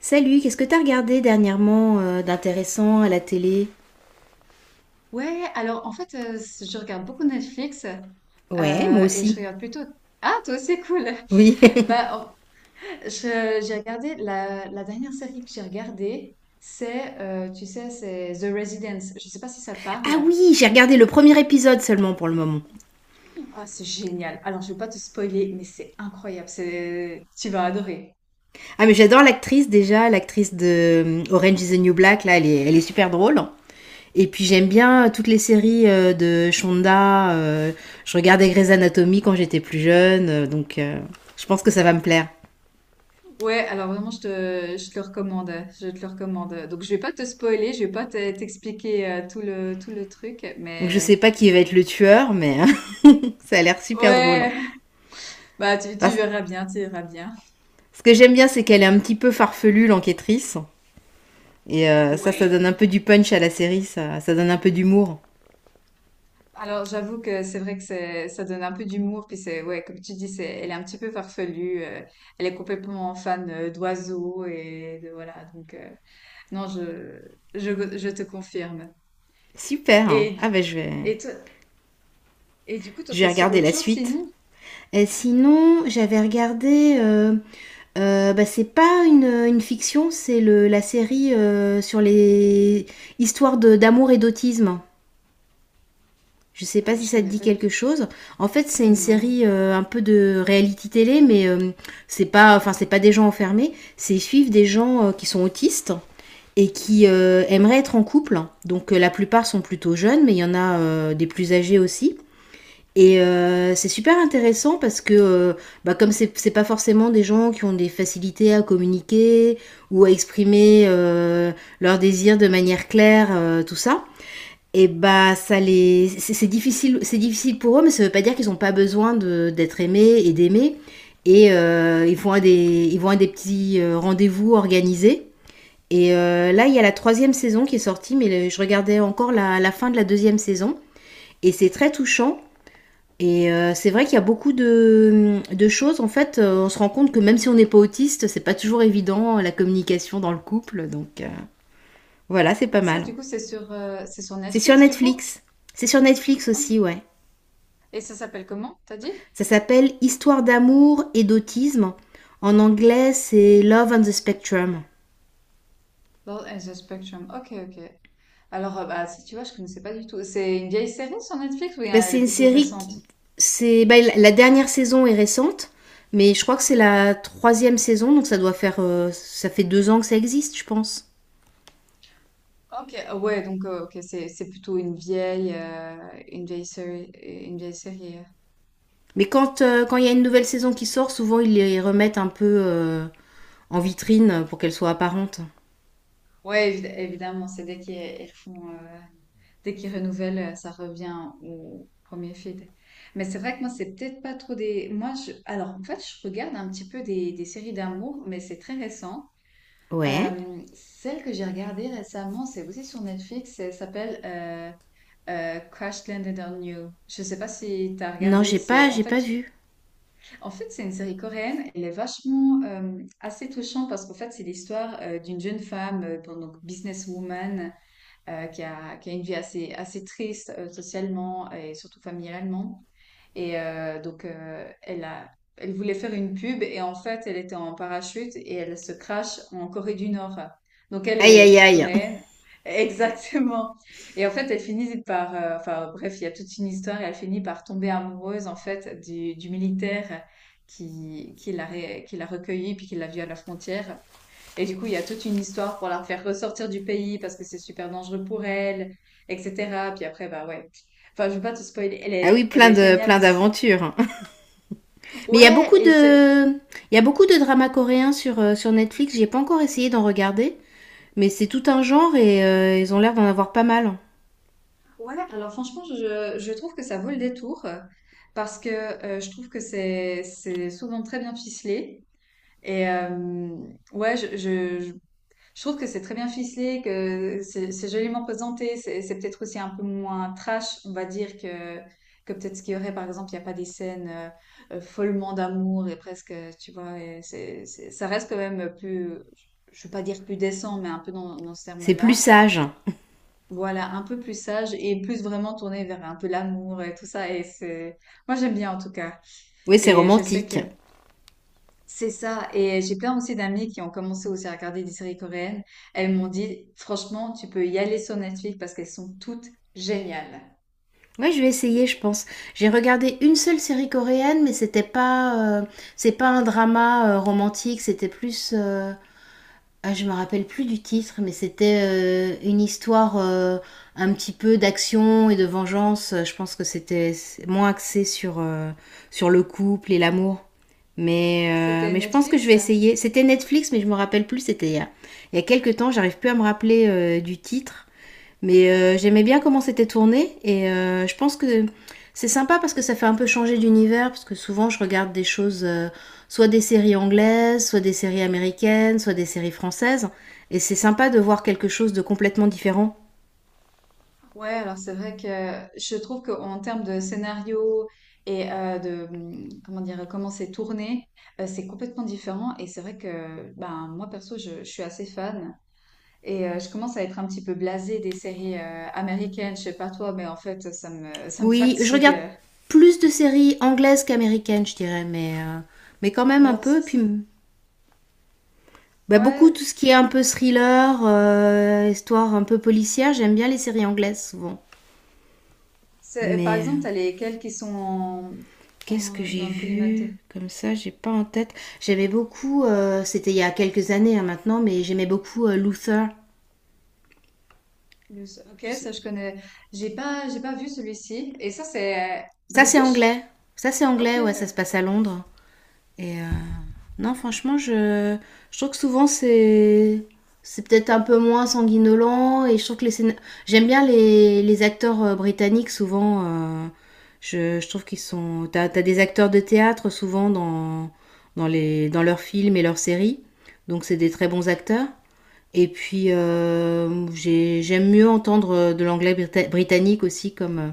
Salut, qu'est-ce que t'as regardé dernièrement d'intéressant à la télé? Ouais, alors en fait, c je regarde beaucoup Netflix. Ouais, moi Et je aussi. regarde plutôt... Ah, toi aussi, cool! Oui. Bah, en je j'ai regardé la dernière série que j'ai regardée, c'est, tu sais, c'est The Residence. Je sais pas si ça te parle? Ah oui, j'ai regardé le premier épisode seulement pour le moment. Ah, c'est génial! Alors, je vais pas te spoiler, mais c'est incroyable, c'est tu vas adorer. Ah mais j'adore l'actrice déjà, l'actrice de Orange is the New Black, là, elle est super drôle. Et puis j'aime bien toutes les séries de Shonda. Je regardais Grey's Anatomy quand j'étais plus jeune, donc je pense que ça va me plaire. Ouais, alors vraiment, je te le recommande, donc je vais pas te spoiler, je vais pas te t'expliquer, tout le truc, Donc je mais sais pas qui va être le tueur, mais ça a l'air super drôle, hein. ouais! Bah, tu Parce- verras bien, tu verras bien. Ce que j'aime bien, c'est qu'elle est un petit peu farfelue, l'enquêtrice. Et ça, ça Ouais. donne un peu du punch à la série, ça donne un peu d'humour. Alors, j'avoue que c'est vrai que c'est, ça donne un peu d'humour, puis c'est, ouais, comme tu dis, c'est, elle est un petit peu farfelue, elle est complètement fan d'oiseaux et de, voilà, donc, non, je te confirme. Super, hein. Et, Ah ben et et du coup, toi, je vais t'es sur regarder autre la chose suite. sinon? Et sinon, j'avais regardé. Bah, c'est pas une fiction, c'est la série sur les histoires d'amour et d'autisme. Je sais pas si Je ça te connais dit pas du quelque tout. chose. En fait, c'est une Non. série un peu de reality télé, mais c'est pas, enfin, c'est pas des gens enfermés. C'est ils suivent des gens qui sont autistes et qui aimeraient être en couple. Donc la plupart sont plutôt jeunes, mais il y en a des plus âgés aussi. Et c'est super intéressant parce que, bah, comme c'est pas forcément des gens qui ont des facilités à communiquer ou à exprimer leurs désirs de manière claire, tout ça, et bah ça les, c'est difficile, c'est difficile pour eux, mais ça veut pas dire qu'ils ont pas besoin d'être aimés et d'aimer. Et ils vont à des, ils vont à des petits rendez-vous organisés et là, il y a la troisième saison qui est sortie, mais je regardais encore la fin de la deuxième saison. Et c'est très touchant. Et c'est vrai qu'il y a beaucoup de choses. En fait, on se rend compte que même si on n'est pas autiste, c'est pas toujours évident la communication dans le couple. Donc voilà, c'est pas Mais ça, mal. du coup, c'est sur C'est sur Netflix, du coup? Netflix. C'est sur Netflix Ok. aussi, ouais. Et ça s'appelle comment, t'as dit? Ça s'appelle Histoire d'amour et d'autisme. En anglais, c'est Love on the Spectrum. Love as a Spectrum. Ok, ok. Alors, bah, si tu vois, je connaissais pas du tout. C'est une vieille série sur Netflix ou Ben, elle c'est est une plutôt série récente? qui. C'est, ben, dernière saison est récente, mais je crois que c'est la troisième saison, donc ça doit faire. Ça fait 2 ans que ça existe, je pense. Ok. Ah, ouais, donc ok, c'est plutôt une vieille série une vieille série. Mais quand quand il y a une nouvelle saison qui sort, souvent ils les remettent un peu en vitrine pour qu'elle soit apparente. Ouais, évidemment, c'est dès qu'ils font dès qu'ils renouvellent, ça revient au premier feed. Mais c'est vrai que moi, c'est peut-être pas trop des. Moi, je alors en fait, je regarde un petit peu des séries d'amour, mais c'est très récent. Ouais. Celle que j'ai regardée récemment, c'est aussi sur Netflix. Elle s'appelle Crash Landed on You. Je sais pas si tu as Non, regardé. C'est en j'ai pas fait, vu. en fait, c'est une série coréenne. Elle est vachement assez touchante parce qu'en fait, c'est l'histoire d'une jeune femme, bon, donc businesswoman, qui a une vie assez, assez triste socialement et surtout familialement. Et donc, elle voulait faire une pub et en fait, elle était en parachute et elle se crache en Corée du Nord. Donc, elle Aïe est aïe aïe. sud-coréenne. Exactement. Et en fait, elle finit par, enfin bref, il y a toute une histoire et elle finit par tomber amoureuse en fait du, militaire qui l'a recueillie puis qui l'a vue à la frontière. Et du coup, il y a toute une histoire pour la refaire ressortir du pays parce que c'est super dangereux pour elle, etc. Puis après, bah ouais. Enfin, je veux pas te spoiler. Elle Ah oui, est, elle plein est de géniale plein aussi. d'aventures. Mais il y a Ouais, beaucoup et c'est... de il y a beaucoup de dramas coréens sur sur Netflix. J'ai pas encore essayé d'en regarder, mais c'est tout un genre et ils ont l'air d'en avoir pas mal. Ouais, alors franchement, je trouve que ça vaut le détour parce que je trouve que c'est souvent très bien ficelé. Et ouais, je trouve que c'est très bien ficelé, que c'est joliment présenté. C'est peut-être aussi un peu moins trash, on va dire, que peut-être ce qu'il y aurait, par exemple, il n'y a pas des scènes follement d'amour et presque, tu vois, et ça reste quand même plus, je ne veux pas dire plus décent, mais un peu dans ce C'est plus terme-là. sage. Voilà, un peu plus sage et plus vraiment tourné vers un peu l'amour et tout ça. Moi j'aime bien en tout cas. Oui, c'est Et je sais romantique. que c'est ça. Et j'ai plein aussi d'amis qui ont commencé aussi à regarder des séries coréennes. Elles m'ont dit, franchement, tu peux y aller sur Netflix parce qu'elles sont toutes géniales. Ouais, je vais essayer, je pense. J'ai regardé une seule série coréenne, mais c'était pas, c'est pas un drama romantique, c'était plus, ah, je me rappelle plus du titre, mais c'était une histoire un petit peu d'action et de vengeance. Je pense que c'était moins axé sur sur le couple et l'amour. Mais euh, C'était mais je pense que je Netflix? vais essayer. C'était Netflix, mais je me rappelle plus. C'était il y a quelques temps. J'arrive plus à me rappeler du titre. Mais j'aimais bien comment c'était tourné et je pense que c'est sympa parce que ça fait un peu changer d'univers parce que souvent je regarde des choses, soit des séries anglaises, soit des séries américaines, soit des séries françaises et c'est sympa de voir quelque chose de complètement différent. Ouais, alors c'est vrai que je trouve qu'en termes de scénario et comment dire, comment c'est tourné, c'est complètement différent. Et c'est vrai que, ben, moi perso, je suis assez fan. Et je commence à être un petit peu blasée des séries américaines. Je sais pas toi, mais en fait, ça me Oui, je regarde fatigue. plus de séries anglaises qu'américaines, je dirais, mais mais quand même un Alors ça, peu. c'est- Puis bah, beaucoup tout ce Ouais. qui est un peu thriller, histoire un peu policière, j'aime bien les séries anglaises souvent. Par Mais exemple, t'as lesquels qui sont qu'est-ce que j'ai dans le collimateur. vu comme ça, j'ai pas en tête. J'aimais beaucoup, c'était il y a quelques années hein, maintenant, mais j'aimais beaucoup Luther. Je Ok, sais- ça je connais. J'ai pas vu celui-ci. Et ça c'est Ça, c'est British? anglais. Ça, c'est Ok. anglais, ouais, ça se Ouais, passe à Londres. Et non, franchement, je trouve que souvent c'est peut-être un peu moins sanguinolent et je trouve que j'aime bien les acteurs britanniques souvent je trouve qu'ils sont t'as des acteurs de théâtre souvent dans leurs films et leurs séries donc c'est des très bons acteurs et puis j'aime mieux entendre de l'anglais britannique aussi comme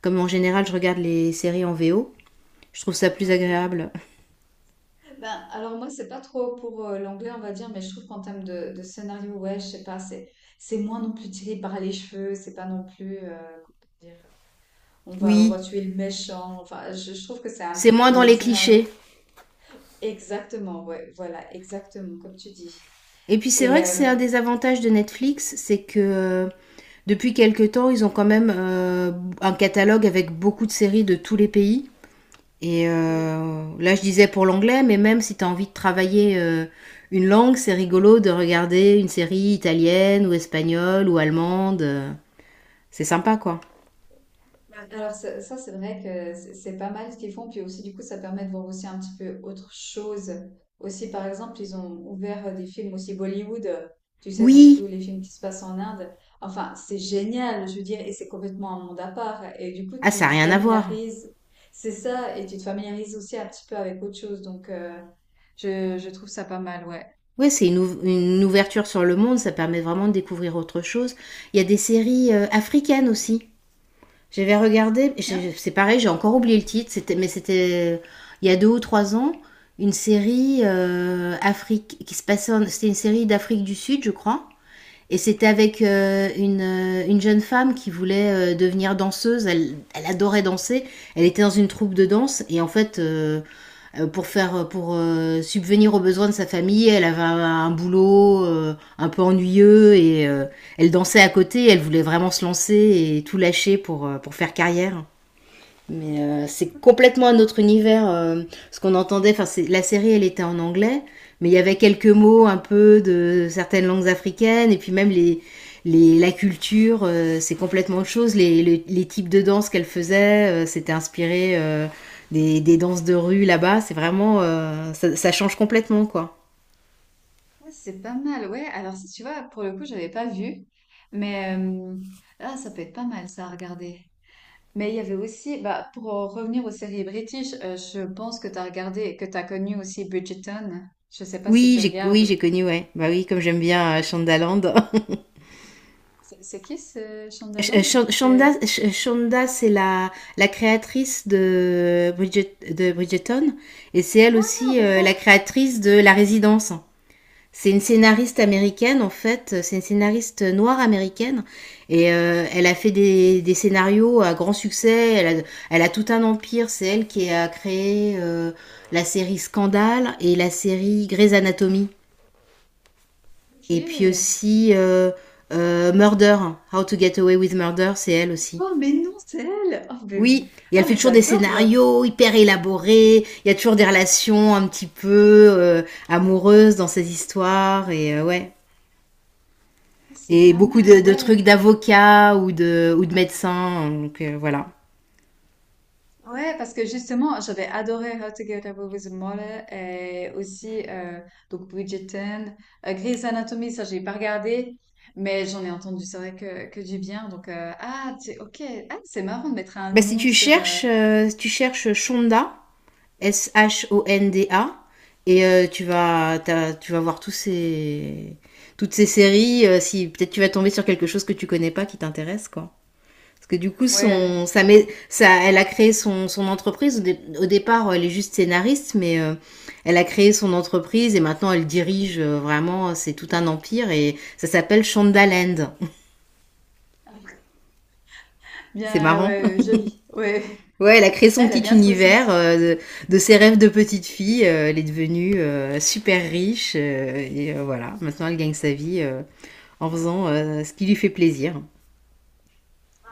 comme en général je regarde les séries en VO, je trouve ça plus pas agréable. mal. Ben, alors moi c'est pas trop pour l'anglais on va dire, mais je trouve qu'en termes de scénario, ouais, je sais pas, c'est moins non plus tiré par les cheveux, c'est pas non plus comment dire, on va on Oui. va tuer le méchant. Enfin, je trouve que C'est moins dans les les scénarios. clichés. Exactement, ouais, voilà, exactement comme tu dis. Et puis c'est vrai Et que c'est un des avantages de Netflix, c'est que depuis quelque temps, ils ont quand même un catalogue avec beaucoup de séries de tous les pays. Et oui. Là, je disais pour l'anglais, mais même si tu as envie de travailler une langue, c'est rigolo de regarder une série italienne ou espagnole ou allemande. C'est sympa, quoi. Ouais, alors ça, c'est vrai que c'est pas mal ce qu'ils font, puis aussi du coup ça permet de voir aussi un petit peu autre chose. Aussi par exemple ils ont ouvert des films aussi Bollywood, tu sais donc Oui. tous les films qui se passent en Inde. Enfin c'est génial, je veux dire, et c'est complètement un monde à part. Et du coup Ah, tu ça n'a te rien à voir. familiarises, c'est ça, et tu te familiarises aussi un petit peu avec autre chose. Donc je trouve ça pas mal, ouais. Ouais, c'est une, une ouverture sur le monde, ça permet vraiment de découvrir autre chose. Il y a des séries africaines aussi. J'avais regardé, Tiens, c'est pareil, j'ai encore oublié le titre, c'était, mais c'était il y a 2 ou 3 ans, une série Afrique qui se passait, c'était une série d'Afrique du Sud, je crois, et c'était avec une jeune femme qui voulait devenir danseuse. Elle, elle adorait danser, elle était dans une troupe de danse, et en fait, pour faire pour subvenir aux besoins de sa famille. Elle avait un boulot un peu ennuyeux et elle dansait à côté. Elle voulait vraiment se lancer et tout lâcher pour faire carrière. Mais c'est complètement un autre univers. Ce qu'on entendait, enfin, la série, elle était en anglais, mais il y avait quelques mots un peu de certaines langues africaines, et puis même la culture, c'est complètement autre chose. Les types de danse qu'elle faisait, c'était inspiré des danses de rue là-bas. C'est vraiment, ça, ça change complètement, quoi. ouais, c'est pas mal, ouais. Alors si tu vois pour le coup j'avais pas vu, mais ah, ça peut être pas mal ça à regarder. Mais il y avait aussi, bah, pour en revenir aux séries british, je pense que tu as regardé, que tu as connu aussi Bridgerton. Je sais pas si tu Oui, regardes. j'ai connu, ouais. Bah oui, comme j'aime bien Euh, Shondaland. c'est qui ce Shondaland? C'est... Shonda, c'est la créatrice de, de Bridgerton et c'est elle Ah, aussi d'accord. la créatrice de La Résidence. C'est une scénariste américaine en fait, c'est une scénariste noire américaine et elle a fait des scénarios à grand succès, elle a tout un empire, c'est elle qui a créé la série Scandale et la série Grey's Anatomy Ok. et puis aussi euh, Murder, How to Get Away with Murder, c'est elle aussi. Oh, mais non, c'est elle! Oh. Oui, et elle Ah, fait mais toujours des j'adore alors. scénarios hyper élaborés, il y a toujours des relations un petit peu amoureuses dans ces histoires, et ouais. Ah, c'est Et pas beaucoup mal, de trucs ouais. d'avocats ou de médecins, donc voilà. Ouais, parce que justement, j'avais adoré How to Get Away with Murder et aussi donc Bridgerton, Grey's Anatomy, ça j'ai pas regardé, mais j'en ai entendu, c'est vrai que du bien. Donc ok, ah c'est marrant de mettre un Bah, si nom tu sur cherches, si tu cherches Shonda, Shonda, et tu vas voir toutes ces séries, si peut-être tu vas tomber sur quelque chose que tu connais pas qui t'intéresse, quoi. Parce que du coup, ouais son, elle- ça met, ça, elle a créé son entreprise. Au départ, elle est juste scénariste, mais elle a créé son entreprise et maintenant elle dirige vraiment, c'est tout un empire et ça s'appelle Shondaland. C'est Bien, marrant. ouais, joli, ouais, Ouais, elle a créé son elle a petit bien trouvé son univers petit. De ses rêves de petite fille. Elle est devenue super riche voilà, maintenant elle gagne sa vie en faisant ce qui lui fait plaisir.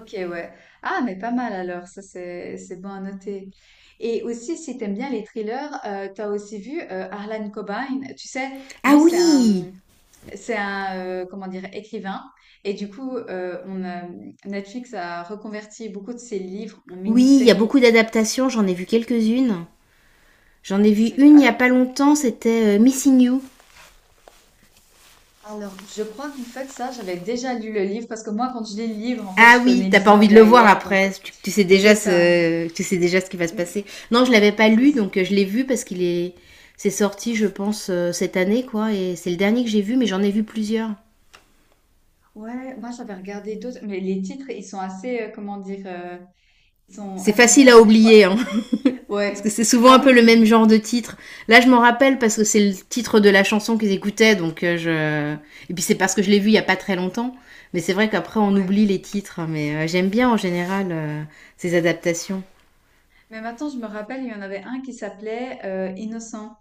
Ok, ouais. Ah, mais pas mal alors, ça c'est bon à noter. Et aussi, si t'aimes bien les thrillers, t'as aussi vu Harlan Cobain. Tu sais, Ah lui c'est oui! un comment dire écrivain. Et du coup, Netflix a reconverti beaucoup de ses livres en Oui, il y a mini-séries. beaucoup d'adaptations, j'en ai vu quelques-unes. J'en ai vu C'est une il y a pas longtemps, c'était Missing You. alors je crois qu'en fait ça, j'avais déjà lu le livre parce que moi quand je lis le livre, en fait, Ah je oui, connais t'as pas l'histoire envie de le voir derrière, donc après. Tu sais c'est déjà ça. Tu sais déjà ce qui va se passer. Mm. Non, je l'avais pas lu, C'est donc je l'ai vu parce qu'il est, c'est sorti, je pense, cette année, quoi. Et c'est le dernier que j'ai vu, mais j'en ai vu plusieurs. Ouais, moi j'avais regardé d'autres, mais les titres, ils sont assez, comment dire, ils sont C'est assez facile bien à faits, je crois. oublier, hein, parce que Ouais. c'est souvent Ah un peu le oui, même genre de titre. Là, je m'en rappelle parce que c'est le titre de la chanson qu'ils écoutaient, donc je. Et puis c'est parce que je l'ai vu il y a pas très longtemps. Mais c'est vrai qu'après on oublie ouais. les titres, hein, mais j'aime bien en général ces adaptations. Mais maintenant, je me rappelle, il y en avait un qui s'appelait Innocent.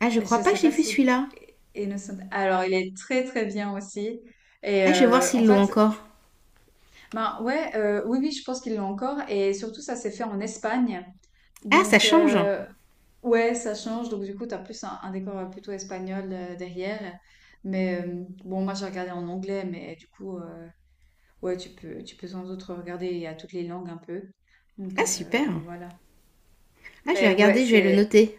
Ah, je crois Je pas que sais j'ai pas vu si... celui-là. Innocent. Alors, il est très très bien aussi. Et Ah, je vais voir en s'ils l'ont fait, encore. ben ouais, oui, oui, je pense qu'ils l'ont encore. Et surtout, ça s'est fait en Espagne. Ah, ça Donc, change. Ah, ouais, ça change. Donc, du coup, tu as plus un décor plutôt espagnol derrière. Mais bon, moi, j'ai regardé en anglais, mais du coup, ouais, tu peux sans doute regarder à toutes les langues un peu. Donc super. voilà. Ah, je vais Mais ouais, regarder, je vais le c'est. noter.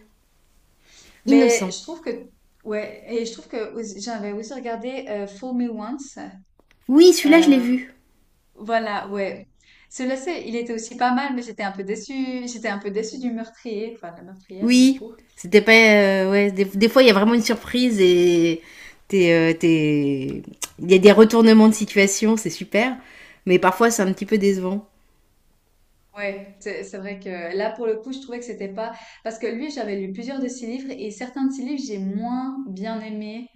Mais Innocent. je trouve que. Ouais, et je trouve que j'avais aussi regardé Fool Me Once. Oui, celui-là, je l'ai euh, vu. Voilà, ouais. Celui-là, il était aussi pas mal, mais j'étais un peu déçue. J'étais un peu déçue du meurtrier, enfin de la meurtrière du Oui. coup. C'était pas. Ouais, des fois, il y a vraiment une surprise et. t'es, euh, t'es- Il y a des retournements de situation, c'est super. Mais parfois, c'est un petit peu décevant. Ouais, c'est vrai que là, pour le coup, je trouvais que c'était pas. Parce que lui, j'avais lu plusieurs de ses livres, et certains de ses livres, j'ai moins bien aimé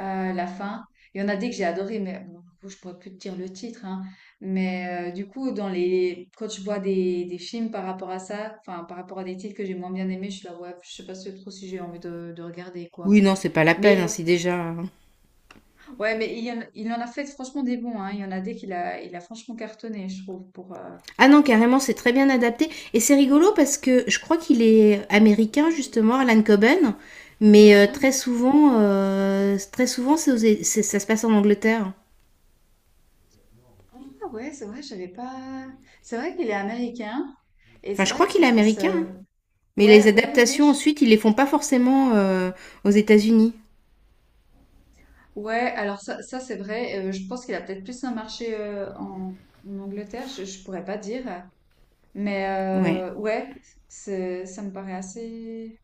la fin. Il y en a des que j'ai adoré, mais bon, du coup, je pourrais plus te dire le titre, hein. Mais du coup, dans les... quand je vois des, films par rapport à ça, enfin, par rapport à des titres que j'ai moins bien aimés, je suis là, ouais, je sais pas trop si j'ai envie de regarder, quoi. Oui, non, c'est pas la peine, Mais hein, si déjà, hein. ouais, mais il y en, il en a fait franchement des bons, hein. Il y en a des qu'il a franchement cartonné, je trouve, pour. Ah non, carrément, c'est très bien adapté. Et c'est rigolo parce que je crois qu'il est américain, justement, Alan Coben. Mais Mhm. Très souvent c'est ça se passe en Angleterre. Ah ouais, c'est vrai, j'avais pas. C'est vrai qu'il est américain et Enfin, c'est je crois vrai que qu'il ça est se passe. américain, euh, hein. Mais les Ouais, oui, oui, oui. adaptations, je- ensuite, ils les font pas forcément aux États-Unis. Ouais, alors ça c'est vrai. Je pense qu'il a peut-être plus un marché en Angleterre, je pourrais pas dire. Mais Ouais, ouais, ça me paraît assez,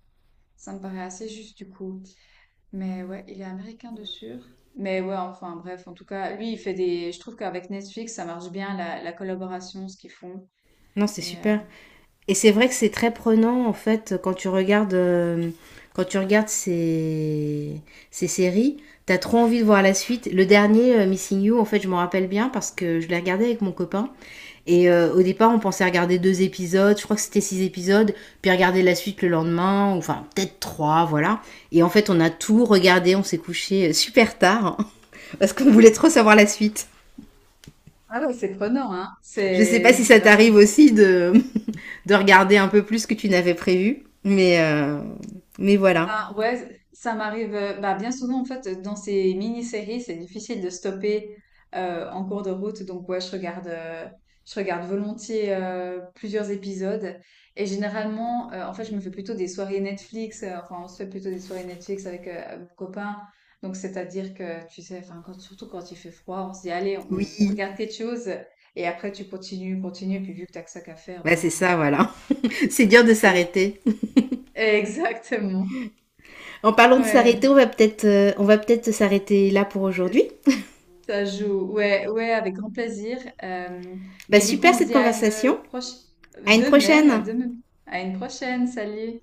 ça me paraît assez juste du coup. Mais ouais, il est américain de sûr. Mais ouais, enfin bref, en tout cas, lui, il fait des... Je trouve qu'avec Netflix, ça marche bien, la collaboration, ce qu'ils font. non, c'est Et euh, super. Et c'est vrai que c'est très prenant, en fait, quand tu regardes ces séries. T'as trop envie de voir la suite. Le dernier, Missing You, en fait, je m'en rappelle bien parce que je l'ai regardé avec mon copain. Et au départ, on pensait regarder deux épisodes, je crois que c'était six épisodes, puis regarder la suite le lendemain, ou enfin peut-être trois, voilà. Et en fait, on a tout regardé, on s'est couché super tard, hein, parce qu'on voulait trop savoir la suite. ah ouais, c'est prenant, hein. Je sais pas C'est, si c'est ça vachement. t'arrive aussi de, de regarder un peu plus que tu n'avais prévu, mais, mais voilà. Ben ouais, ça m'arrive bah, bien souvent en fait dans ces mini-séries, c'est difficile de stopper en cours de route. Donc ouais, je regarde volontiers plusieurs épisodes et généralement en fait, je me fais plutôt des soirées Netflix, enfin on se fait plutôt des soirées Netflix avec mon copain. Donc c'est-à-dire que tu sais enfin quand, surtout quand il fait froid, on se dit allez, on Oui, regarde quelque chose et après tu continues, continues puis vu que t'as que ça qu'à faire bah c'est ben ça, voilà. C'est dur de s'arrêter. exactement. En parlant de s'arrêter, Ouais. On va peut-être s'arrêter là pour aujourd'hui. Ça joue, ouais, ouais, avec grand plaisir. Bah Et du coup, super on se cette dit à une conversation. proche, À une prochaine. de même, à une prochaine, salut.